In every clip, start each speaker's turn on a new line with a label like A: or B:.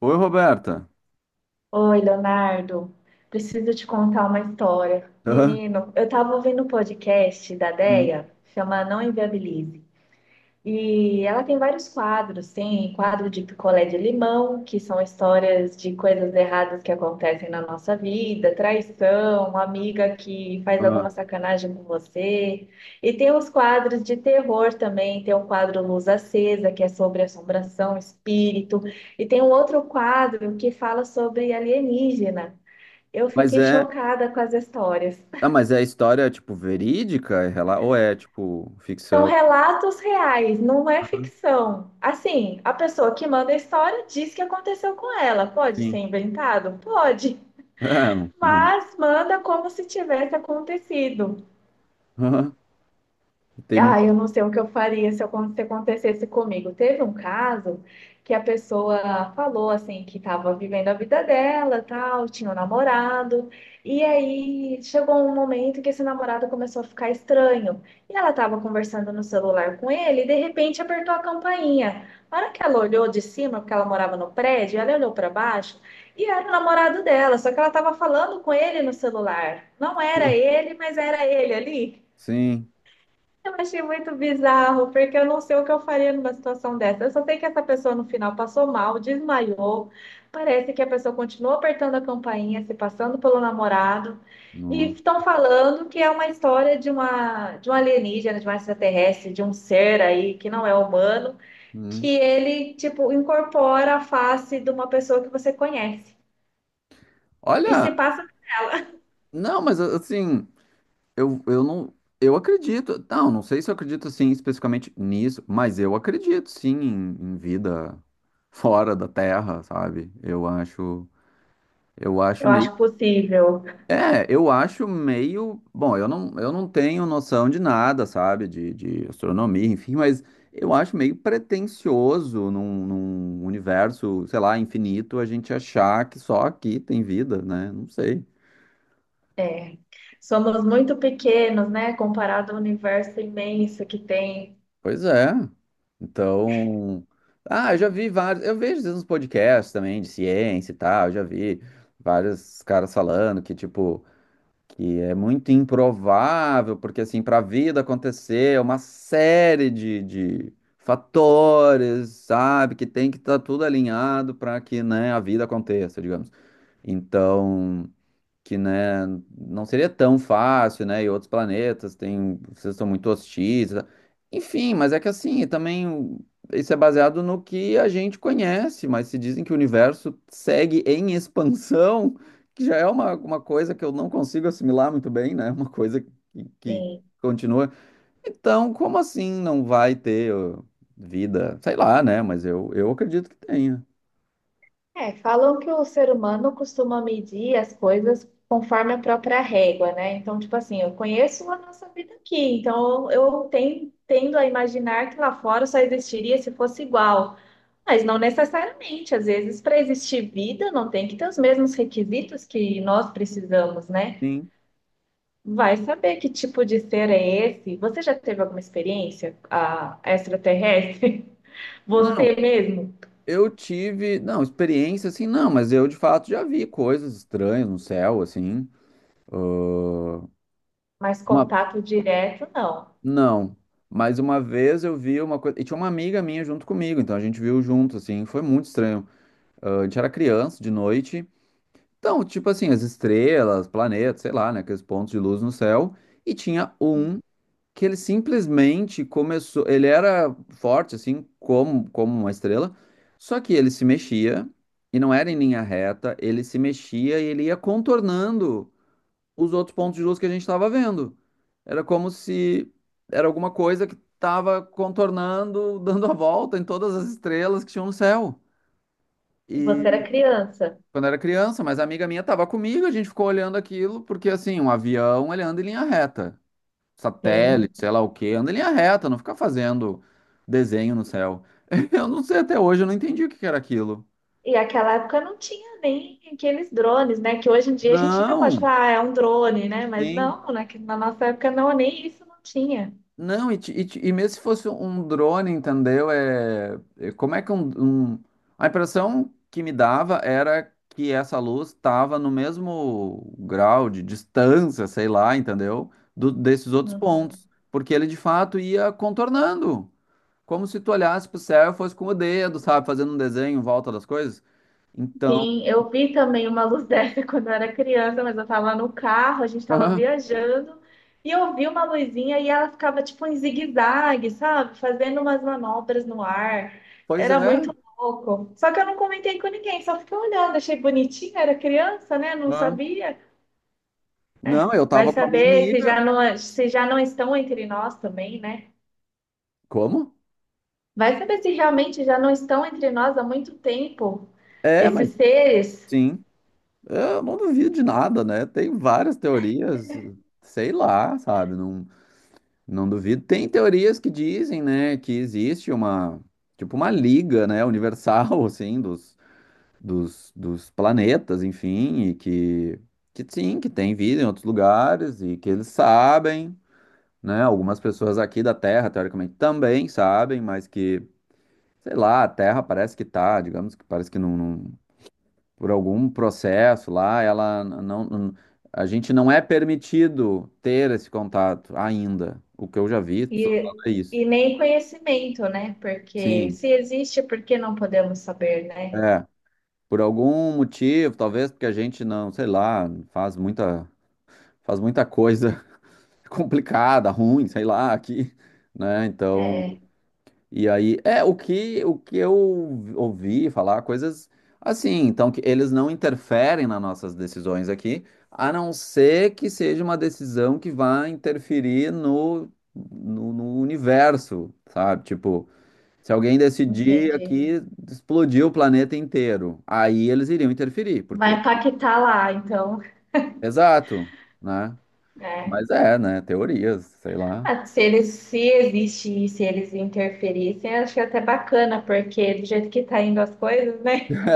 A: Oi, Roberta.
B: Oi, Leonardo. Preciso te contar uma história.
A: Hã?
B: Menino, eu estava ouvindo um podcast da
A: Hum,
B: Déia, chama Não Inviabilize. E ela tem vários quadros, tem quadro de picolé de limão, que são histórias de coisas erradas que acontecem na nossa vida, traição, amiga que faz
A: hã.
B: alguma sacanagem com você. E tem os quadros de terror também, tem o quadro Luz Acesa, que é sobre assombração, espírito, e tem um outro quadro que fala sobre alienígena. Eu
A: Mas
B: fiquei
A: é,
B: chocada com as histórias.
A: ah, mas é história tipo verídica, ou é tipo
B: São
A: ficção?
B: relatos reais, não é
A: Aham.
B: ficção. Assim, a pessoa que manda a história diz que aconteceu com ela. Pode ser
A: Sim.
B: inventado? Pode.
A: É, mano.
B: Mas manda como se tivesse acontecido.
A: Aham. Tem
B: Ah, eu
A: muita.
B: não sei o que eu faria se acontecesse comigo. Teve um caso que a pessoa falou assim que estava vivendo a vida dela, tal, tinha um namorado, e aí chegou um momento que esse namorado começou a ficar estranho. E ela estava conversando no celular com ele, e de repente apertou a campainha. A hora que ela olhou de cima, porque ela morava no prédio, ela olhou para baixo e era o namorado dela, só que ela estava falando com ele no celular. Não era ele, mas era ele ali.
A: Sim.
B: Eu achei muito bizarro, porque eu não sei o que eu faria numa situação dessa. Eu só sei que essa pessoa no final passou mal, desmaiou. Parece que a pessoa continuou apertando a campainha, se passando pelo namorado. E
A: Hum,
B: estão falando que é uma história de um alienígena, de um extraterrestre, de um ser aí que não é humano, que
A: hum.
B: ele, tipo, incorpora a face de uma pessoa que você conhece. E
A: Olha,
B: se passa,
A: não, mas assim, eu, eu não, eu acredito. Não, não sei se eu acredito assim especificamente nisso, mas eu acredito sim em vida fora da Terra, sabe? Eu acho
B: eu
A: meio.
B: acho possível.
A: É, eu acho meio. Bom, eu não tenho noção de nada, sabe? De astronomia, enfim, mas eu acho meio pretensioso num universo, sei lá, infinito, a gente achar que só aqui tem vida, né? Não sei.
B: É, somos muito pequenos, né, comparado ao universo imenso que tem.
A: Pois é. Então. Ah, eu já vi vários. Eu vejo às vezes uns podcasts também de ciência e tal, eu já vi vários caras falando que, tipo, que é muito improvável, porque assim, para a vida acontecer, é uma série de fatores, sabe, que tem que estar tudo alinhado para que, né, a vida aconteça, digamos. Então, que, né, não seria tão fácil, né? E outros planetas têm, vocês são muito hostis, tá? Enfim, mas é que assim, também isso é baseado no que a gente conhece, mas se dizem que o universo segue em expansão, que já é uma coisa que eu não consigo assimilar muito bem, né? Uma coisa que
B: Sim.
A: continua. Então, como assim não vai ter ó, vida? Sei lá, né? Mas eu acredito que tenha.
B: É, falam que o ser humano costuma medir as coisas conforme a própria régua, né? Então, tipo assim, eu conheço a nossa vida aqui, então tendo a imaginar que lá fora só existiria se fosse igual. Mas não necessariamente, às vezes, para existir vida, não tem que ter os mesmos requisitos que nós precisamos, né?
A: Sim.
B: Vai saber que tipo de ser é esse? Você já teve alguma experiência extraterrestre? Você
A: Não.
B: mesmo?
A: Eu tive, não, experiência assim, não, mas eu de fato já vi coisas estranhas no céu, assim.
B: Mas
A: Uma,
B: contato direto, não.
A: não, mas uma vez eu vi uma coisa, e tinha uma amiga minha junto comigo, então a gente viu junto, assim, foi muito estranho. Ah, a gente era criança de noite, então, tipo assim, as estrelas, planetas, sei lá, né, aqueles pontos de luz no céu, e tinha um que ele simplesmente começou. Ele era forte, assim, como uma estrela, só que ele se mexia e não era em linha reta, ele se mexia e ele ia contornando os outros pontos de luz que a gente estava vendo. Era como se era alguma coisa que estava contornando, dando a volta em todas as estrelas que tinham no céu.
B: Você era
A: E
B: criança.
A: quando era criança, mas a amiga minha estava comigo, a gente ficou olhando aquilo, porque assim, um avião ele anda em linha reta. Satélite,
B: Sim.
A: sei lá o quê, anda em linha reta, não fica fazendo desenho no céu. Eu não sei até hoje, eu não entendi o que que era aquilo.
B: E aquela época não tinha nem aqueles drones, né? Que hoje em dia a gente ainda pode
A: Não,
B: falar, ah, é um drone, né? Mas
A: sim.
B: não, na nossa época não, nem isso não tinha.
A: Não, e mesmo se fosse um drone, entendeu? É, como é que um- A impressão que me dava era que essa luz estava no mesmo grau de distância, sei lá, entendeu? Desses outros
B: Uhum.
A: pontos. Porque ele de fato ia contornando. Como se tu olhasse pro céu e fosse com o dedo, sabe? Fazendo um desenho em volta das coisas. Então,
B: Sim, eu vi também uma luz dessa quando eu era criança, mas eu tava no carro, a gente tava viajando, e eu vi uma luzinha e ela ficava tipo em zigue-zague, sabe? Fazendo umas manobras no ar.
A: pois
B: Era
A: é.
B: muito louco. Só que eu não comentei com ninguém, só fiquei olhando, achei bonitinha, era criança, né? Não
A: Ah.
B: sabia.
A: Não, eu
B: Vai
A: tava com a minha
B: saber se
A: amiga.
B: já não, é, se já não estão entre nós também, né?
A: Como?
B: Vai saber se realmente já não estão entre nós há muito tempo,
A: É,
B: esses
A: mas
B: seres.
A: sim. Eu não duvido de nada, né? Tem várias teorias, sei lá, sabe? Não, não duvido. Tem teorias que dizem, né, que existe uma liga, né, universal, assim, dos planetas, enfim, e que sim, que tem vida em outros lugares e que eles sabem. Né? Algumas pessoas aqui da Terra, teoricamente, também sabem, mas que, sei lá, a Terra parece que tá, digamos que parece que não, por algum processo lá, ela não, a gente não é permitido ter esse contato ainda. O que eu já vi, as pessoas falando
B: E,
A: é isso.
B: e nem conhecimento, né? Porque
A: Sim,
B: se existe, por que não podemos saber, né?
A: é. Por algum motivo, talvez porque a gente não, sei lá, faz muita coisa complicada, ruim, sei lá, aqui, né? Então.
B: É,
A: E aí, é o que eu ouvi falar, coisas assim, então que eles não interferem nas nossas decisões aqui, a não ser que seja uma decisão que vá interferir no universo, sabe? Tipo, se alguém decidir
B: entendi.
A: aqui explodir o planeta inteiro, aí eles iriam interferir,
B: Vai
A: porque
B: impactar lá, então.
A: exato, né?
B: É.
A: Mas é, né? Teorias, sei lá.
B: Ah, se eles, se existe se eles interferissem, acho que é até bacana, porque do jeito que tá indo as coisas, né?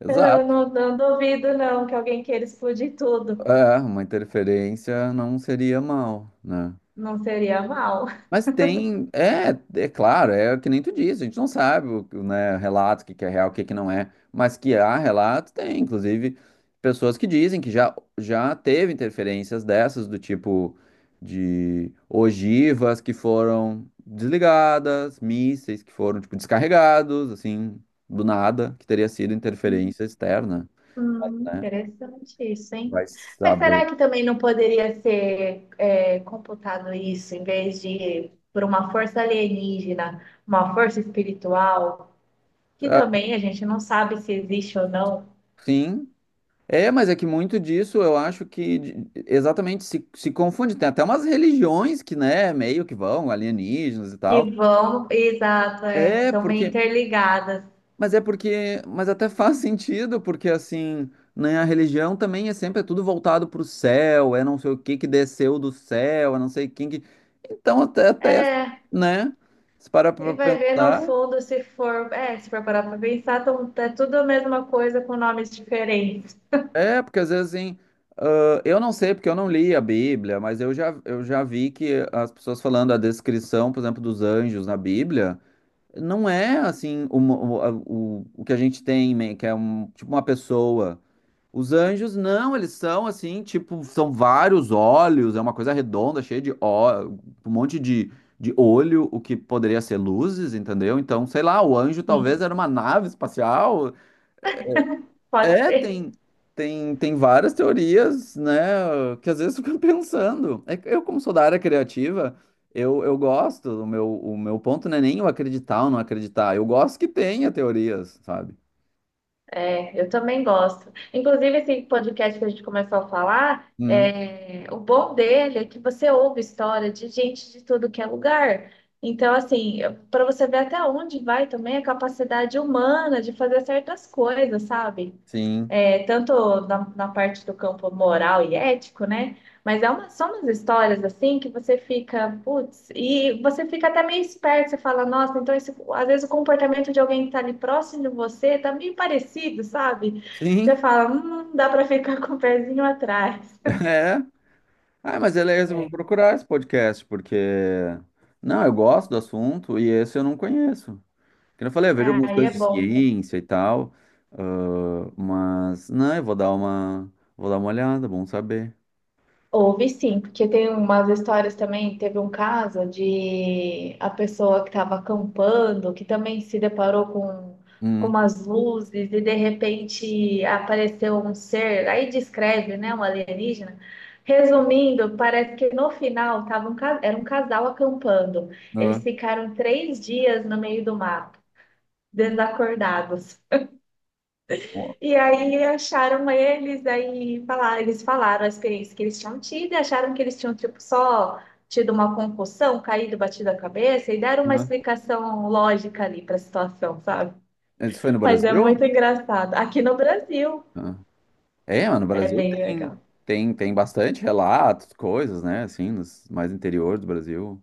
A: É,
B: Eu
A: exato.
B: não, não duvido, não, que alguém queira explodir tudo.
A: É, uma interferência não seria mal, né?
B: Não seria mal.
A: Mas tem, é, é claro, é que nem tu disse, a gente não sabe, né, relatos, o que que é real, o que que não é, mas que há relatos, tem, inclusive, pessoas que dizem que já teve interferências dessas, do tipo de ogivas que foram desligadas, mísseis que foram, tipo, descarregados, assim, do nada, que teria sido interferência externa, né?
B: Interessante isso, hein?
A: Vai
B: Mas
A: saber.
B: será que também não poderia ser é, computado isso em vez de por uma força alienígena, uma força espiritual, que
A: Ah,
B: também a gente não sabe se existe ou não,
A: sim. É, mas é que muito disso eu acho que exatamente se confunde. Tem até umas religiões que, né, meio que vão, alienígenas e
B: que
A: tal.
B: vão, exato, é,
A: É,
B: estão meio
A: porque.
B: interligadas.
A: Mas é porque. Mas até faz sentido, porque assim, né, a religião também é sempre é tudo voltado pro céu, é não sei o que que desceu do céu, é não sei quem que. Então até
B: É,
A: né? Se parar
B: e
A: pra
B: vai ver no
A: pensar.
B: fundo se for, é, se for parar para pensar, tão, é tudo a mesma coisa com nomes diferentes.
A: É, porque às vezes assim, ah, eu não sei porque eu não li a Bíblia, mas eu já vi que as pessoas falando a descrição, por exemplo, dos anjos na Bíblia, não é assim o que a gente tem, que é tipo uma pessoa. Os anjos não, eles são assim, tipo, são vários olhos, é uma coisa redonda, cheia de ó, um monte de olho, o que poderia ser luzes, entendeu? Então, sei lá, o anjo
B: Sim,
A: talvez era uma nave espacial,
B: pode
A: é,
B: ser.
A: tem várias teorias, né, que às vezes eu fico pensando. É que eu, como sou da área criativa, eu gosto, o meu ponto não é nem eu acreditar ou não acreditar, eu gosto que tenha teorias, sabe?
B: É, eu também gosto. Inclusive, esse podcast que a gente começou a falar,
A: Hum,
B: é, o bom dele é que você ouve história de gente de tudo que é lugar. Então, assim, para você ver até onde vai também a capacidade humana de fazer certas coisas, sabe?
A: sim,
B: É, tanto na parte do campo moral e ético, né? Mas é uma, são umas histórias assim que você fica, putz, e você fica até meio esperto, você fala, nossa, então esse, às vezes o comportamento de alguém que está ali próximo de você tá meio parecido, sabe? Você
A: sim,
B: fala, dá para ficar com o pezinho atrás.
A: é. Ah, mas beleza, eu vou
B: É.
A: procurar esse podcast, porque... Não, eu gosto do assunto e esse eu não conheço. Como eu falei, eu vejo algumas
B: Aí
A: coisas
B: é
A: de
B: bom.
A: ciência e tal, ah, mas, não, eu vou dar uma olhada, bom saber.
B: Houve sim, porque tem umas histórias também. Teve um caso de a pessoa que estava acampando, que também se deparou com
A: Hum,
B: umas luzes e de repente apareceu um ser. Aí descreve, né, um alienígena. Resumindo, parece que no final tava era um casal acampando.
A: ah,
B: Eles ficaram 3 dias no meio do mato, desacordados. E aí acharam eles, aí falaram, eles falaram a experiência que eles tinham tido e acharam que eles tinham tipo só tido uma concussão, caído, batido a cabeça e deram uma
A: ah.
B: explicação lógica ali para a situação, sabe?
A: Isso foi no
B: Mas é muito
A: Brasil?
B: engraçado. Aqui no Brasil
A: Ah. É, mas no
B: é
A: Brasil
B: bem
A: tem,
B: legal.
A: tem bastante relatos, coisas, né? Assim, nos mais interior do Brasil.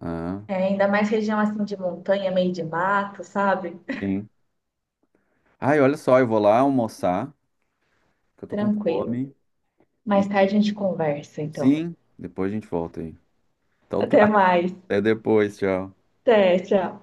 A: Ah,
B: É, ainda mais região assim de montanha, meio de mato, sabe?
A: sim. Ai, olha só, eu vou lá almoçar, que eu tô com
B: Tranquilo.
A: fome.
B: Mais tarde
A: E
B: a gente conversa, então.
A: sim, depois a gente volta aí. Então tá,
B: Até mais.
A: até depois, tchau.
B: Até, tchau.